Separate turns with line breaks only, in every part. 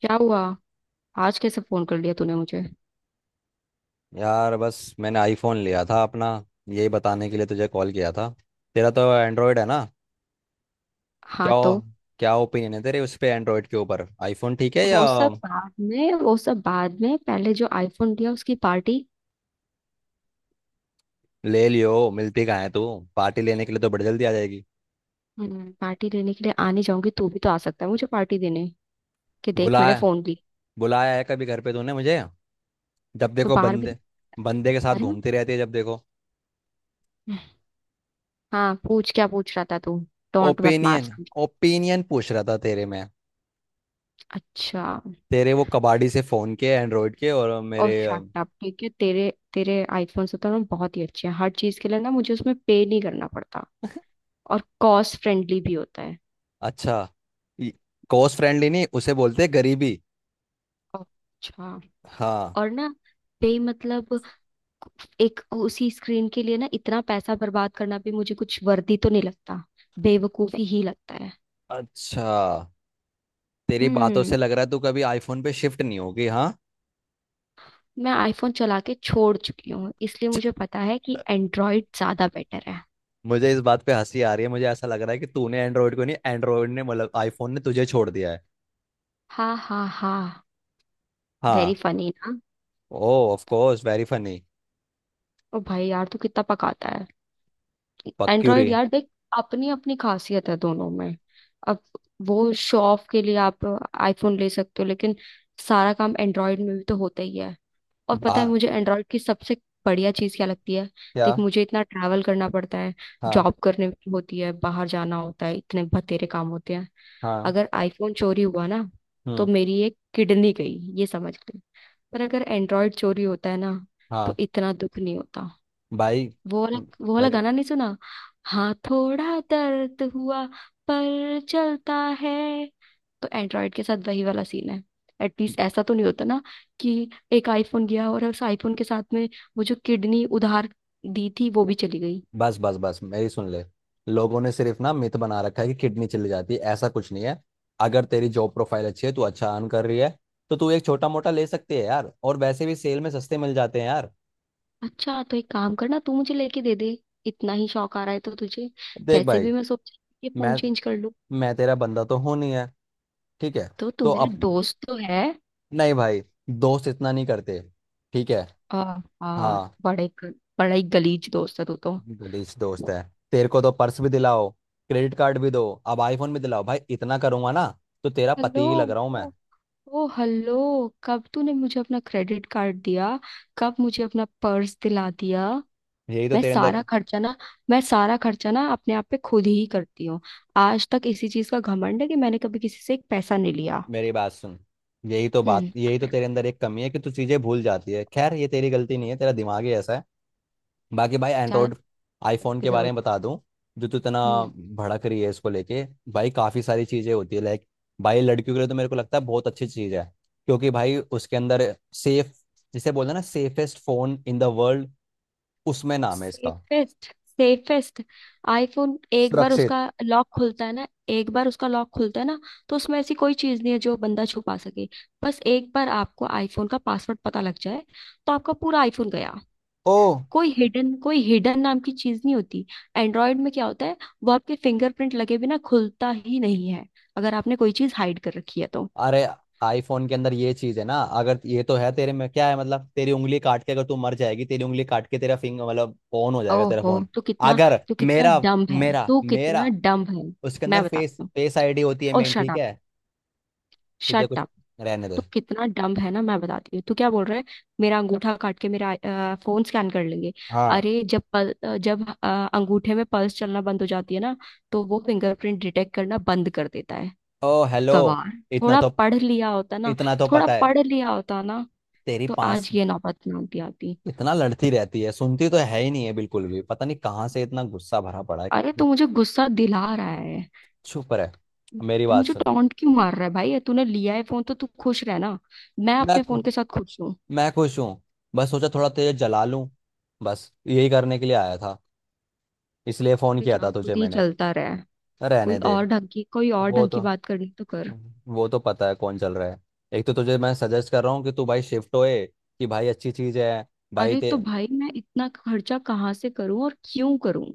क्या हुआ? आज कैसे फोन कर लिया तूने मुझे?
यार बस मैंने आईफोन लिया था अपना। यही बताने के लिए तुझे कॉल किया था। तेरा तो एंड्रॉयड है ना।
हाँ,
क्या ओ,
तो?
क्या ओपिनियन है तेरे उस पे, एंड्रॉयड के ऊपर आईफोन ठीक है या
वो सब बाद में। पहले जो आईफोन दिया उसकी पार्टी।
ले लियो। मिलती कहाँ है तू? पार्टी लेने के लिए तो बड़ी जल्दी आ जाएगी।
हम्म, पार्टी देने के लिए आने जाऊंगी, तू भी तो आ सकता है मुझे पार्टी देने। कि देख मैंने
बुलाया,
फोन ली।
बुलाया है कभी घर पे तूने मुझे? जब
तो
देखो
बाहर भी।
बंदे, बंदे के साथ
अरे
घूमती रहती है जब देखो।
हाँ, पूछ, क्या पूछ रहा था तू? टोंट मत मार।
ओपिनियन, ओपिनियन पूछ रहा था तेरे में,
अच्छा।
तेरे वो कबाड़ी से फोन के एंड्रॉयड के और
और
मेरे
शट अप। ठीक है, तेरे तेरे आईफोन से तो ना बहुत ही अच्छे हैं, हर चीज के लिए ना, मुझे उसमें पे नहीं करना पड़ता। और कॉस्ट फ्रेंडली भी होता है।
अच्छा। कोस्ट फ्रेंडली नहीं, उसे बोलते हैं गरीबी।
अच्छा।
हाँ।
और ना, पे मतलब एक उसी स्क्रीन के लिए ना इतना पैसा बर्बाद करना भी मुझे कुछ वर्दी तो नहीं लगता। बेवकूफी ही लगता है।
अच्छा, तेरी बातों से
हम्म,
लग रहा है तू कभी आईफोन पे शिफ्ट नहीं होगी, हाँ।
मैं आईफोन चला के छोड़ चुकी हूँ, इसलिए मुझे पता है कि एंड्रॉइड ज्यादा बेटर है।
मुझे इस बात पे हंसी आ रही है, मुझे ऐसा लग रहा है कि तूने एंड्रॉइड को नहीं, एंड्रॉइड ने मतलब आईफोन ने तुझे छोड़ दिया है।
हाँ, हाँ, हाँ। वेरी
हाँ।
फनी ना।
Oh, of course very funny.
ओ भाई यार तू कितना पकाता है।
पक्यूरी।
एंड्रॉइड, यार देख, अपनी अपनी खासियत है दोनों में। अब वो शो ऑफ के लिए आप आईफोन ले सकते हो, लेकिन सारा काम एंड्रॉइड में भी तो होता ही है। और
बा
पता है मुझे एंड्रॉयड की सबसे बढ़िया चीज़ क्या लगती है?
क्या?
देख, मुझे इतना ट्रैवल करना पड़ता है,
हाँ।
जॉब करने की होती है, बाहर जाना होता है, इतने बतेरे काम होते हैं।
हाँ।
अगर आईफोन चोरी हुआ ना, तो
हम्म।
मेरी एक किडनी गई, ये समझ ले। पर अगर एंड्रॉयड चोरी होता है ना, तो
हाँ
इतना दुख नहीं होता।
भाई।
वो वाला
म-
वो वाला
मेरे,
गाना नहीं सुना? हाँ, थोड़ा दर्द हुआ, पर चलता है। तो एंड्रॉयड के साथ वही वाला सीन है। एटलीस्ट ऐसा तो नहीं होता ना कि एक आईफोन गया और उस आईफोन के साथ में वो जो किडनी उधार दी थी वो भी चली गई।
बस बस बस मेरी सुन ले। लोगों ने सिर्फ ना मिथ बना रखा है कि किडनी चली जाती है, ऐसा कुछ नहीं है। अगर तेरी जॉब प्रोफाइल अच्छी है, तू अच्छा अर्न कर रही है, तो तू एक छोटा मोटा ले सकती है यार। और वैसे भी सेल में सस्ते मिल जाते हैं यार।
अच्छा, तो एक काम करना, तू मुझे लेके दे दे। इतना ही शौक आ रहा है तो तुझे।
देख
वैसे
भाई,
भी मैं सोच ये फोन
मैं
चेंज कर लूं।
मैं तेरा बंदा तो हूं नहीं है, ठीक है?
तो तू
तो
मेरा
अब
दोस्त तो है।
नहीं भाई, दोस्त इतना नहीं करते, ठीक है।
आ, आ,
हाँ,
बड़े ग- बड़ा ही गलीज दोस्त है तू तो।
गलीस दोस्त है। तेरे को तो पर्स भी दिलाओ, क्रेडिट कार्ड भी दो, अब आईफोन भी दिलाओ भाई। इतना करूंगा ना तो तेरा
हेलो!
पति ही लग रहा हूं मैं।
ओ, ओ हेलो! कब तूने मुझे अपना क्रेडिट कार्ड दिया? कब मुझे अपना पर्स दिला दिया?
यही तो
मैं
तेरे अंदर,
सारा खर्चा ना मैं सारा खर्चा ना अपने आप पे खुद ही करती हूँ। आज तक इसी चीज का घमंड है कि मैंने कभी किसी से एक पैसा नहीं लिया।
मेरी बात सुन, यही तो बात,
हम्म।
यही तो तेरे अंदर एक कमी है कि तू चीजें भूल जाती है। खैर ये तेरी गलती नहीं है, तेरा दिमाग ही ऐसा है। बाकी भाई
ज्यादा
एंड्रॉयड,
करने
आईफोन
की
के बारे में
जरूरत।
बता दूं, जो तू इतना
हम्म।
भड़क रही है इसको लेके। भाई काफी सारी चीजें होती है, लाइक, भाई लड़कियों के लिए तो मेरे को लगता है बहुत अच्छी चीज है। क्योंकि भाई उसके अंदर सेफ, जिसे बोलते हैं ना, safest phone in the world, उसमें नाम है इसका,
सेफेस्ट, सेफेस्ट आईफोन।
सुरक्षित।
एक बार उसका लॉक खुलता है ना, तो उसमें ऐसी कोई चीज नहीं है जो बंदा छुपा सके। बस एक बार आपको आईफोन का पासवर्ड पता लग जाए, तो आपका पूरा आईफोन गया।
ओ,
कोई हिडन नाम की चीज नहीं होती। एंड्रॉयड में क्या होता है, वो आपके फिंगरप्रिंट लगे बिना खुलता ही नहीं है, अगर आपने कोई चीज हाइड कर रखी है तो।
अरे आईफोन के अंदर ये चीज है ना, अगर ये तो है, तेरे में क्या है मतलब? तेरी उंगली काट के, अगर तू मर जाएगी, तेरी उंगली काट के तेरा फिंगर मतलब ऑन हो जाएगा तेरा
ओहो,
फोन?
तो कितना,
अगर
तो कितना
मेरा
डम्ब है
मेरा
तो कितना
मेरा
डम्ब है
उसके
मैं
अंदर फेस
बताती हूँ।
फेस आईडी होती है
ओ
मेन,
शट
ठीक
अप,
है। तुझे
शट
कुछ,
अप!
रहने दे।
तो कितना डम्ब है ना, मैं बताती हूँ तू क्या बोल रहा है। मेरा अंगूठा काट के मेरा फोन स्कैन कर लेंगे।
हाँ।
अरे जब पल, अ, जब अ, अंगूठे में पल्स चलना बंद हो जाती है ना, तो वो फिंगरप्रिंट डिटेक्ट करना बंद कर देता है।
ओ हेलो,
गवार!
इतना
थोड़ा
तो,
पढ़ लिया होता ना
इतना तो
थोड़ा
पता है।
पढ़ लिया होता ना,
तेरी
तो
पास
आज ये नौबत ना आती आती
इतना लड़ती रहती है, सुनती तो है ही नहीं है बिल्कुल भी। पता नहीं कहाँ से इतना गुस्सा भरा पड़ा है।
अरे तू मुझे गुस्सा दिला रहा है।
चुप रहे, मेरी
तू
बात
मुझे
सुन।
टॉन्ट क्यों मार रहा है भाई? तूने लिया है फोन तो तू खुश रह ना, मैं
मैं
अपने फोन के साथ खुश हूँ।
मैं खुश हूँ। बस सोचा थोड़ा तेज जला लूं, बस यही करने के लिए आया था, इसलिए फोन
तब ये
किया
चाक
था
खुद
तुझे
ही
मैंने।
जलता रहा है।
रहने
कोई
दे।
और ढंग की कोई और
वो
ढंग की
तो
बात करनी तो कर।
वो तो पता है कौन चल रहा है। एक तो तुझे मैं सजेस्ट कर रहा हूँ कि तू भाई शिफ्ट होए, कि भाई अच्छी चीज़ है भाई
अरे
ते।
तो भाई मैं इतना खर्चा कहाँ से करूं और क्यों करूं,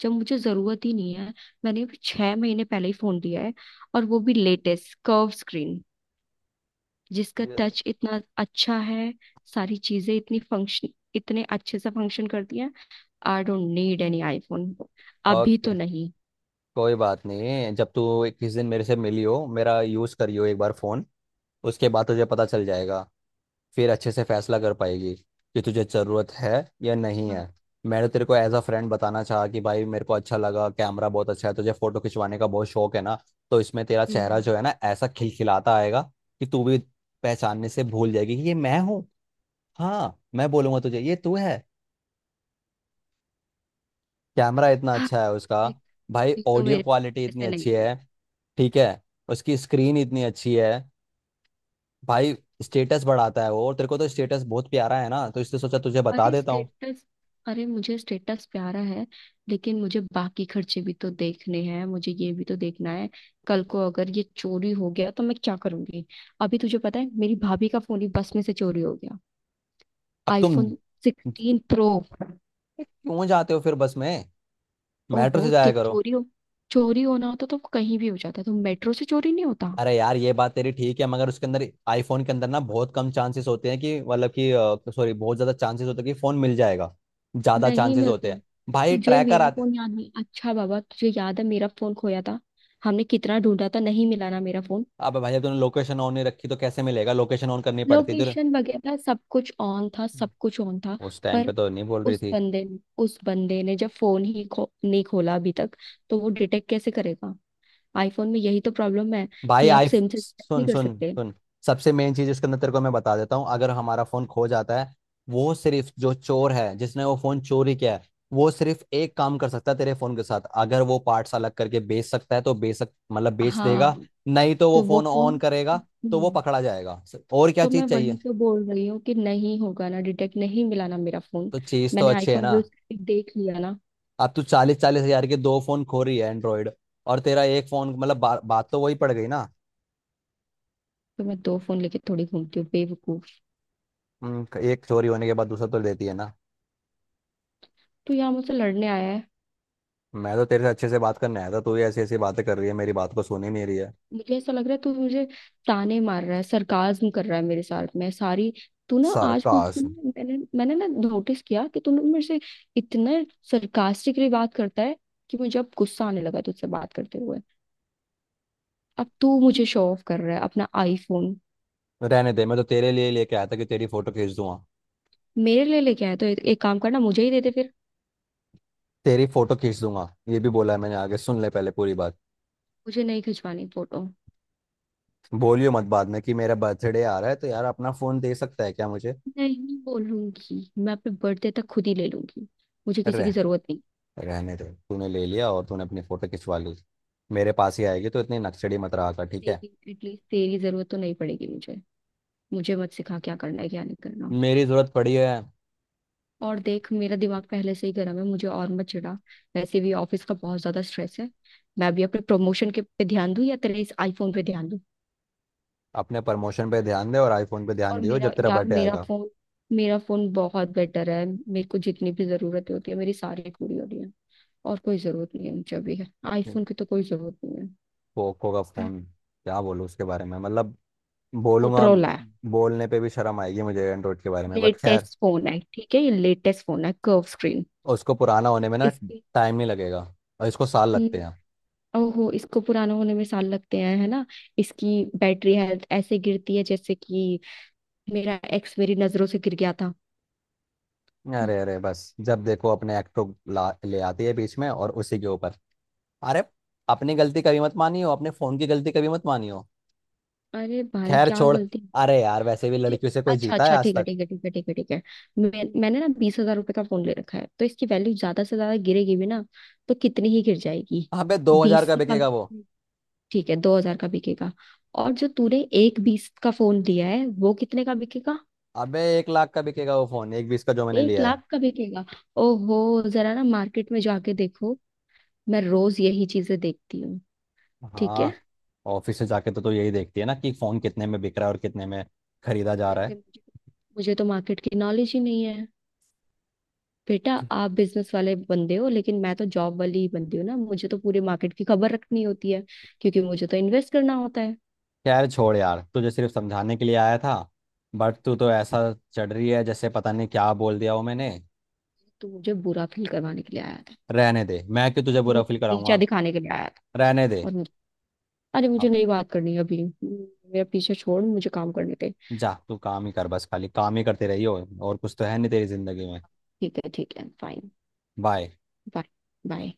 जब मुझे जरूरत ही नहीं है? मैंने अभी 6 महीने पहले ही फोन लिया है, और वो भी लेटेस्ट कर्व स्क्रीन, जिसका टच इतना अच्छा है। सारी चीजें इतनी फंक्शन, इतने अच्छे से फंक्शन करती हैं। I don't need any iPhone, अभी तो
ओके,
नहीं।
कोई बात नहीं, जब तू किसी दिन मेरे से मिली हो, मेरा यूज़ करियो एक बार फ़ोन, उसके बाद तुझे पता चल जाएगा। फिर अच्छे से फैसला कर पाएगी कि तुझे ज़रूरत है या नहीं
हाँ।
है। मैंने तेरे को एज अ फ्रेंड बताना चाहा कि भाई मेरे को अच्छा लगा, कैमरा बहुत अच्छा है, तुझे फोटो खिंचवाने का बहुत शौक है ना, तो इसमें तेरा चेहरा
हम्म।
जो है ना ऐसा खिलखिलाता आएगा कि तू भी पहचानने से भूल जाएगी कि ये मैं हूँ। हाँ, मैं बोलूंगा तुझे ये तू है, कैमरा इतना
हाँ।
अच्छा है उसका।
एक-
भाई
एक तो
ऑडियो
मेरे
क्वालिटी
पास
इतनी
ऐसे
अच्छी
नहीं है।
है, ठीक है, उसकी स्क्रीन इतनी अच्छी है भाई। स्टेटस बढ़ाता है वो, और तेरे को तो स्टेटस बहुत प्यारा है ना, तो इसलिए सोचा तुझे बता
अरे
देता हूँ।
स्टेटस, अरे मुझे स्टेटस प्यारा है, लेकिन मुझे बाकी खर्चे भी तो देखने हैं, मुझे ये भी तो देखना है कल को अगर ये चोरी हो गया तो मैं क्या करूंगी? अभी तुझे पता है मेरी भाभी का फोन ही बस में से चोरी हो गया।
अब तुम
आईफोन 16 प्रो।
क्यों जाते हो फिर बस में? मेट्रो
ओहो
से जाया
ठीक
करो।
चोरी हो चोरी होना होता तो कहीं भी हो जाता, तो मेट्रो से चोरी नहीं होता?
अरे यार ये बात तेरी ठीक है, मगर उसके अंदर, आईफोन के अंदर ना बहुत कम चांसेस होते हैं कि मतलब कि, सॉरी, बहुत ज्यादा चांसेस होते हैं कि फोन मिल जाएगा, ज्यादा
नहीं
चांसेस
मिलता
होते
है।
हैं। भाई
तुझे
ट्रैकर
मेरा
आते।
फोन याद नहीं, अच्छा बाबा तुझे याद है मेरा फोन खोया था? हमने कितना ढूंढा था, नहीं मिला ना मेरा फोन।
अबे भाई जब तूने लोकेशन ऑन नहीं रखी तो कैसे मिलेगा, लोकेशन ऑन करनी पड़ती थी।
लोकेशन वगैरह सब कुछ ऑन था, सब कुछ ऑन था।
उस टाइम
पर
पे तो नहीं बोल रही
उस
थी।
बंदे ने उस बंदे ने जब नहीं खोला अभी तक, तो वो डिटेक्ट कैसे करेगा? आईफोन में यही तो प्रॉब्लम है
भाई
कि आप
आई,
सिम से डिटेक्ट नहीं
सुन
कर
सुन
सकते।
सुन, सबसे मेन चीज इसके अंदर तेरे को मैं बता देता हूँ। अगर हमारा फोन खो जाता है, वो सिर्फ जो चोर है, जिसने वो फोन चोरी किया है, वो सिर्फ एक काम कर सकता है तेरे फोन के साथ। अगर वो पार्ट्स अलग करके बेच सकता है तो बेच सक, मतलब बेच
हाँ,
देगा। नहीं तो वो
तो वो
फोन ऑन
फोन।
करेगा, तो वो पकड़ा जाएगा। और क्या
तो मैं
चीज
वही
चाहिए,
तो बोल रही हूँ कि नहीं होगा ना डिटेक्ट, नहीं मिला ना मेरा फोन।
तो चीज तो
मैंने
अच्छी है
आईफोन
ना।
यूज करके देख लिया ना।
अब तू 40-40 हज़ार के दो फोन खो रही है एंड्रॉयड, और तेरा एक फोन मतलब बात तो वही पड़ गई ना।
तो मैं दो फोन लेके थोड़ी घूमती हूँ बेवकूफ।
एक चोरी होने के बाद दूसरा तो लेती है ना।
तू यहाँ मुझसे लड़ने आया है?
मैं तो तेरे से अच्छे से बात करने आया था, तू ही ऐसी ऐसी बातें कर रही है, मेरी बात को सुन ही नहीं रही है।
मुझे ऐसा लग रहा है तू मुझे ताने मार रहा है, सरकाज्म कर रहा है मेरे साथ में सारी। तू ना आज मुझ
सार्कास्म,
मैंने मैंने ना नोटिस किया कि तू ना मेरे से इतना सरकास्टिकली बात करता है कि मुझे अब गुस्सा आने लगा तुझसे बात करते हुए। अब तू मुझे शो ऑफ कर रहा है अपना आईफोन।
रहने दे। मैं तो तेरे लिए लेके आया था कि तेरी फोटो खींच दूंगा,
मेरे लिए लेके आया तो एक एक काम करना, मुझे ही दे दे फिर।
तेरी फोटो खींच दूंगा, ये भी बोला है मैंने, आगे सुन ले पहले पूरी बात।
मुझे नहीं खिंचवानी फोटो।
बोलियो मत बाद में कि मेरा बर्थडे आ रहा है तो यार अपना फोन दे सकता है क्या मुझे।
नहीं बोलूंगी, मैं अपने बर्थडे तक खुद ही ले लूंगी, मुझे किसी
रह
की जरूरत नहीं।
रहने दे, तूने ले लिया और तूने अपनी फोटो खिंचवा ली, मेरे पास ही आएगी। तो इतनी नक्सड़ी मत रहा कर, ठीक है?
तेरी, एटलीस्ट तेरी जरूरत तो नहीं पड़ेगी मुझे। मुझे मत सिखा क्या करना है क्या नहीं करना।
मेरी जरूरत पड़ी है।
और देख, मेरा दिमाग पहले से ही गर्म है, मुझे और मत चिढ़ा। वैसे भी ऑफिस का बहुत ज्यादा स्ट्रेस है। मैं भी अपने प्रमोशन के पे ध्यान दूं या तेरे इस आईफोन पे ध्यान दूं?
अपने प्रमोशन पे ध्यान दे, और आईफोन पे ध्यान
और
दियो
मेरा,
जब तेरा
यार
बर्थडे आएगा।
मेरा फोन बहुत बेटर है, मेरे को जितनी भी जरूरत होती है मेरी सारी पूरी हो रही है। और कोई जरूरत नहीं है मुझे अभी आईफोन की, तो कोई जरूरत नहीं
पोको का
है।
फोन, क्या बोलूं उसके बारे में, मतलब बोलूंगा,
मोटरोला
बोलने पे भी शर्म आएगी मुझे एंड्रॉइड के बारे में, बट खैर,
लेटेस्ट फोन है, ठीक है, ये लेटेस्ट फोन है, कर्व स्क्रीन।
उसको पुराना होने में ना
इसकी,
टाइम नहीं लगेगा। और इसको साल लगते
हम्म,
हैं।
ओहो, इसको पुराना होने में साल लगते हैं है ना? इसकी बैटरी हेल्थ ऐसे गिरती है जैसे कि मेरा एक्स मेरी नजरों से गिर गया था। हम्म।
अरे अरे बस, जब देखो अपने एक्ट को ला, ले आती है बीच में और उसी के ऊपर, अरे, अपनी गलती कभी मत मानियो, अपने फोन की गलती कभी मत मानियो।
अरे भाई
खैर
क्या
छोड़,
गलती?
अरे यार वैसे भी
मुझे,
लड़कियों से कोई
अच्छा
जीता है
अच्छा,
आज
ठीक है
तक।
ठीक है ठीक है ठीक है ठीक है। मैंने ना 20,000 रुपए का फोन ले रखा है, तो इसकी वैल्यू ज्यादा से ज्यादा गिरेगी भी ना, तो कितनी ही गिर जाएगी?
अबे 2 हज़ार
बीस
का
से कम?
बिकेगा वो।
ठीक है, 2,000 का बिकेगा। और जो तूने एक बीस का फोन दिया है वो कितने का बिकेगा?
अबे 1 लाख का बिकेगा वो फोन, 1,20,000 का जो मैंने
एक
लिया है।
लाख का बिकेगा? ओहो, जरा ना मार्केट में जाके देखो, मैं रोज यही चीजें देखती हूँ। ठीक
हाँ।
है।
ऑफिस से जाके तो तू यही देखती है ना कि फोन कितने में बिक रहा है और कितने में खरीदा जा रहा
जैसे
है।
मुझे मुझे तो मार्केट की नॉलेज ही नहीं है? बेटा, आप बिजनेस वाले बंदे हो, लेकिन मैं तो जॉब वाली ही बंदी हूँ ना, मुझे तो पूरे मार्केट की खबर रखनी होती है, क्योंकि मुझे तो इन्वेस्ट करना होता है।
यार छोड़ यार, तुझे सिर्फ समझाने के लिए आया था, बट तू तो ऐसा चढ़ रही है जैसे पता नहीं क्या बोल दिया हो मैंने।
तू मुझे बुरा फील करवाने के लिए आया था।
रहने दे, मैं क्यों तुझे
तू
बुरा फील
मुझे नीचा
कराऊंगा।
दिखाने के लिए आया था।
रहने दे।
और अरे मुझे
अब
नहीं बात करनी अभी, मेरा पीछे छोड़, मुझे काम करने दे।
जा तू काम ही कर, बस खाली काम ही करते रही हो, और कुछ तो है नहीं तेरी जिंदगी में।
ठीक है, ठीक है, फाइन।
बाय।
बाय। बाय।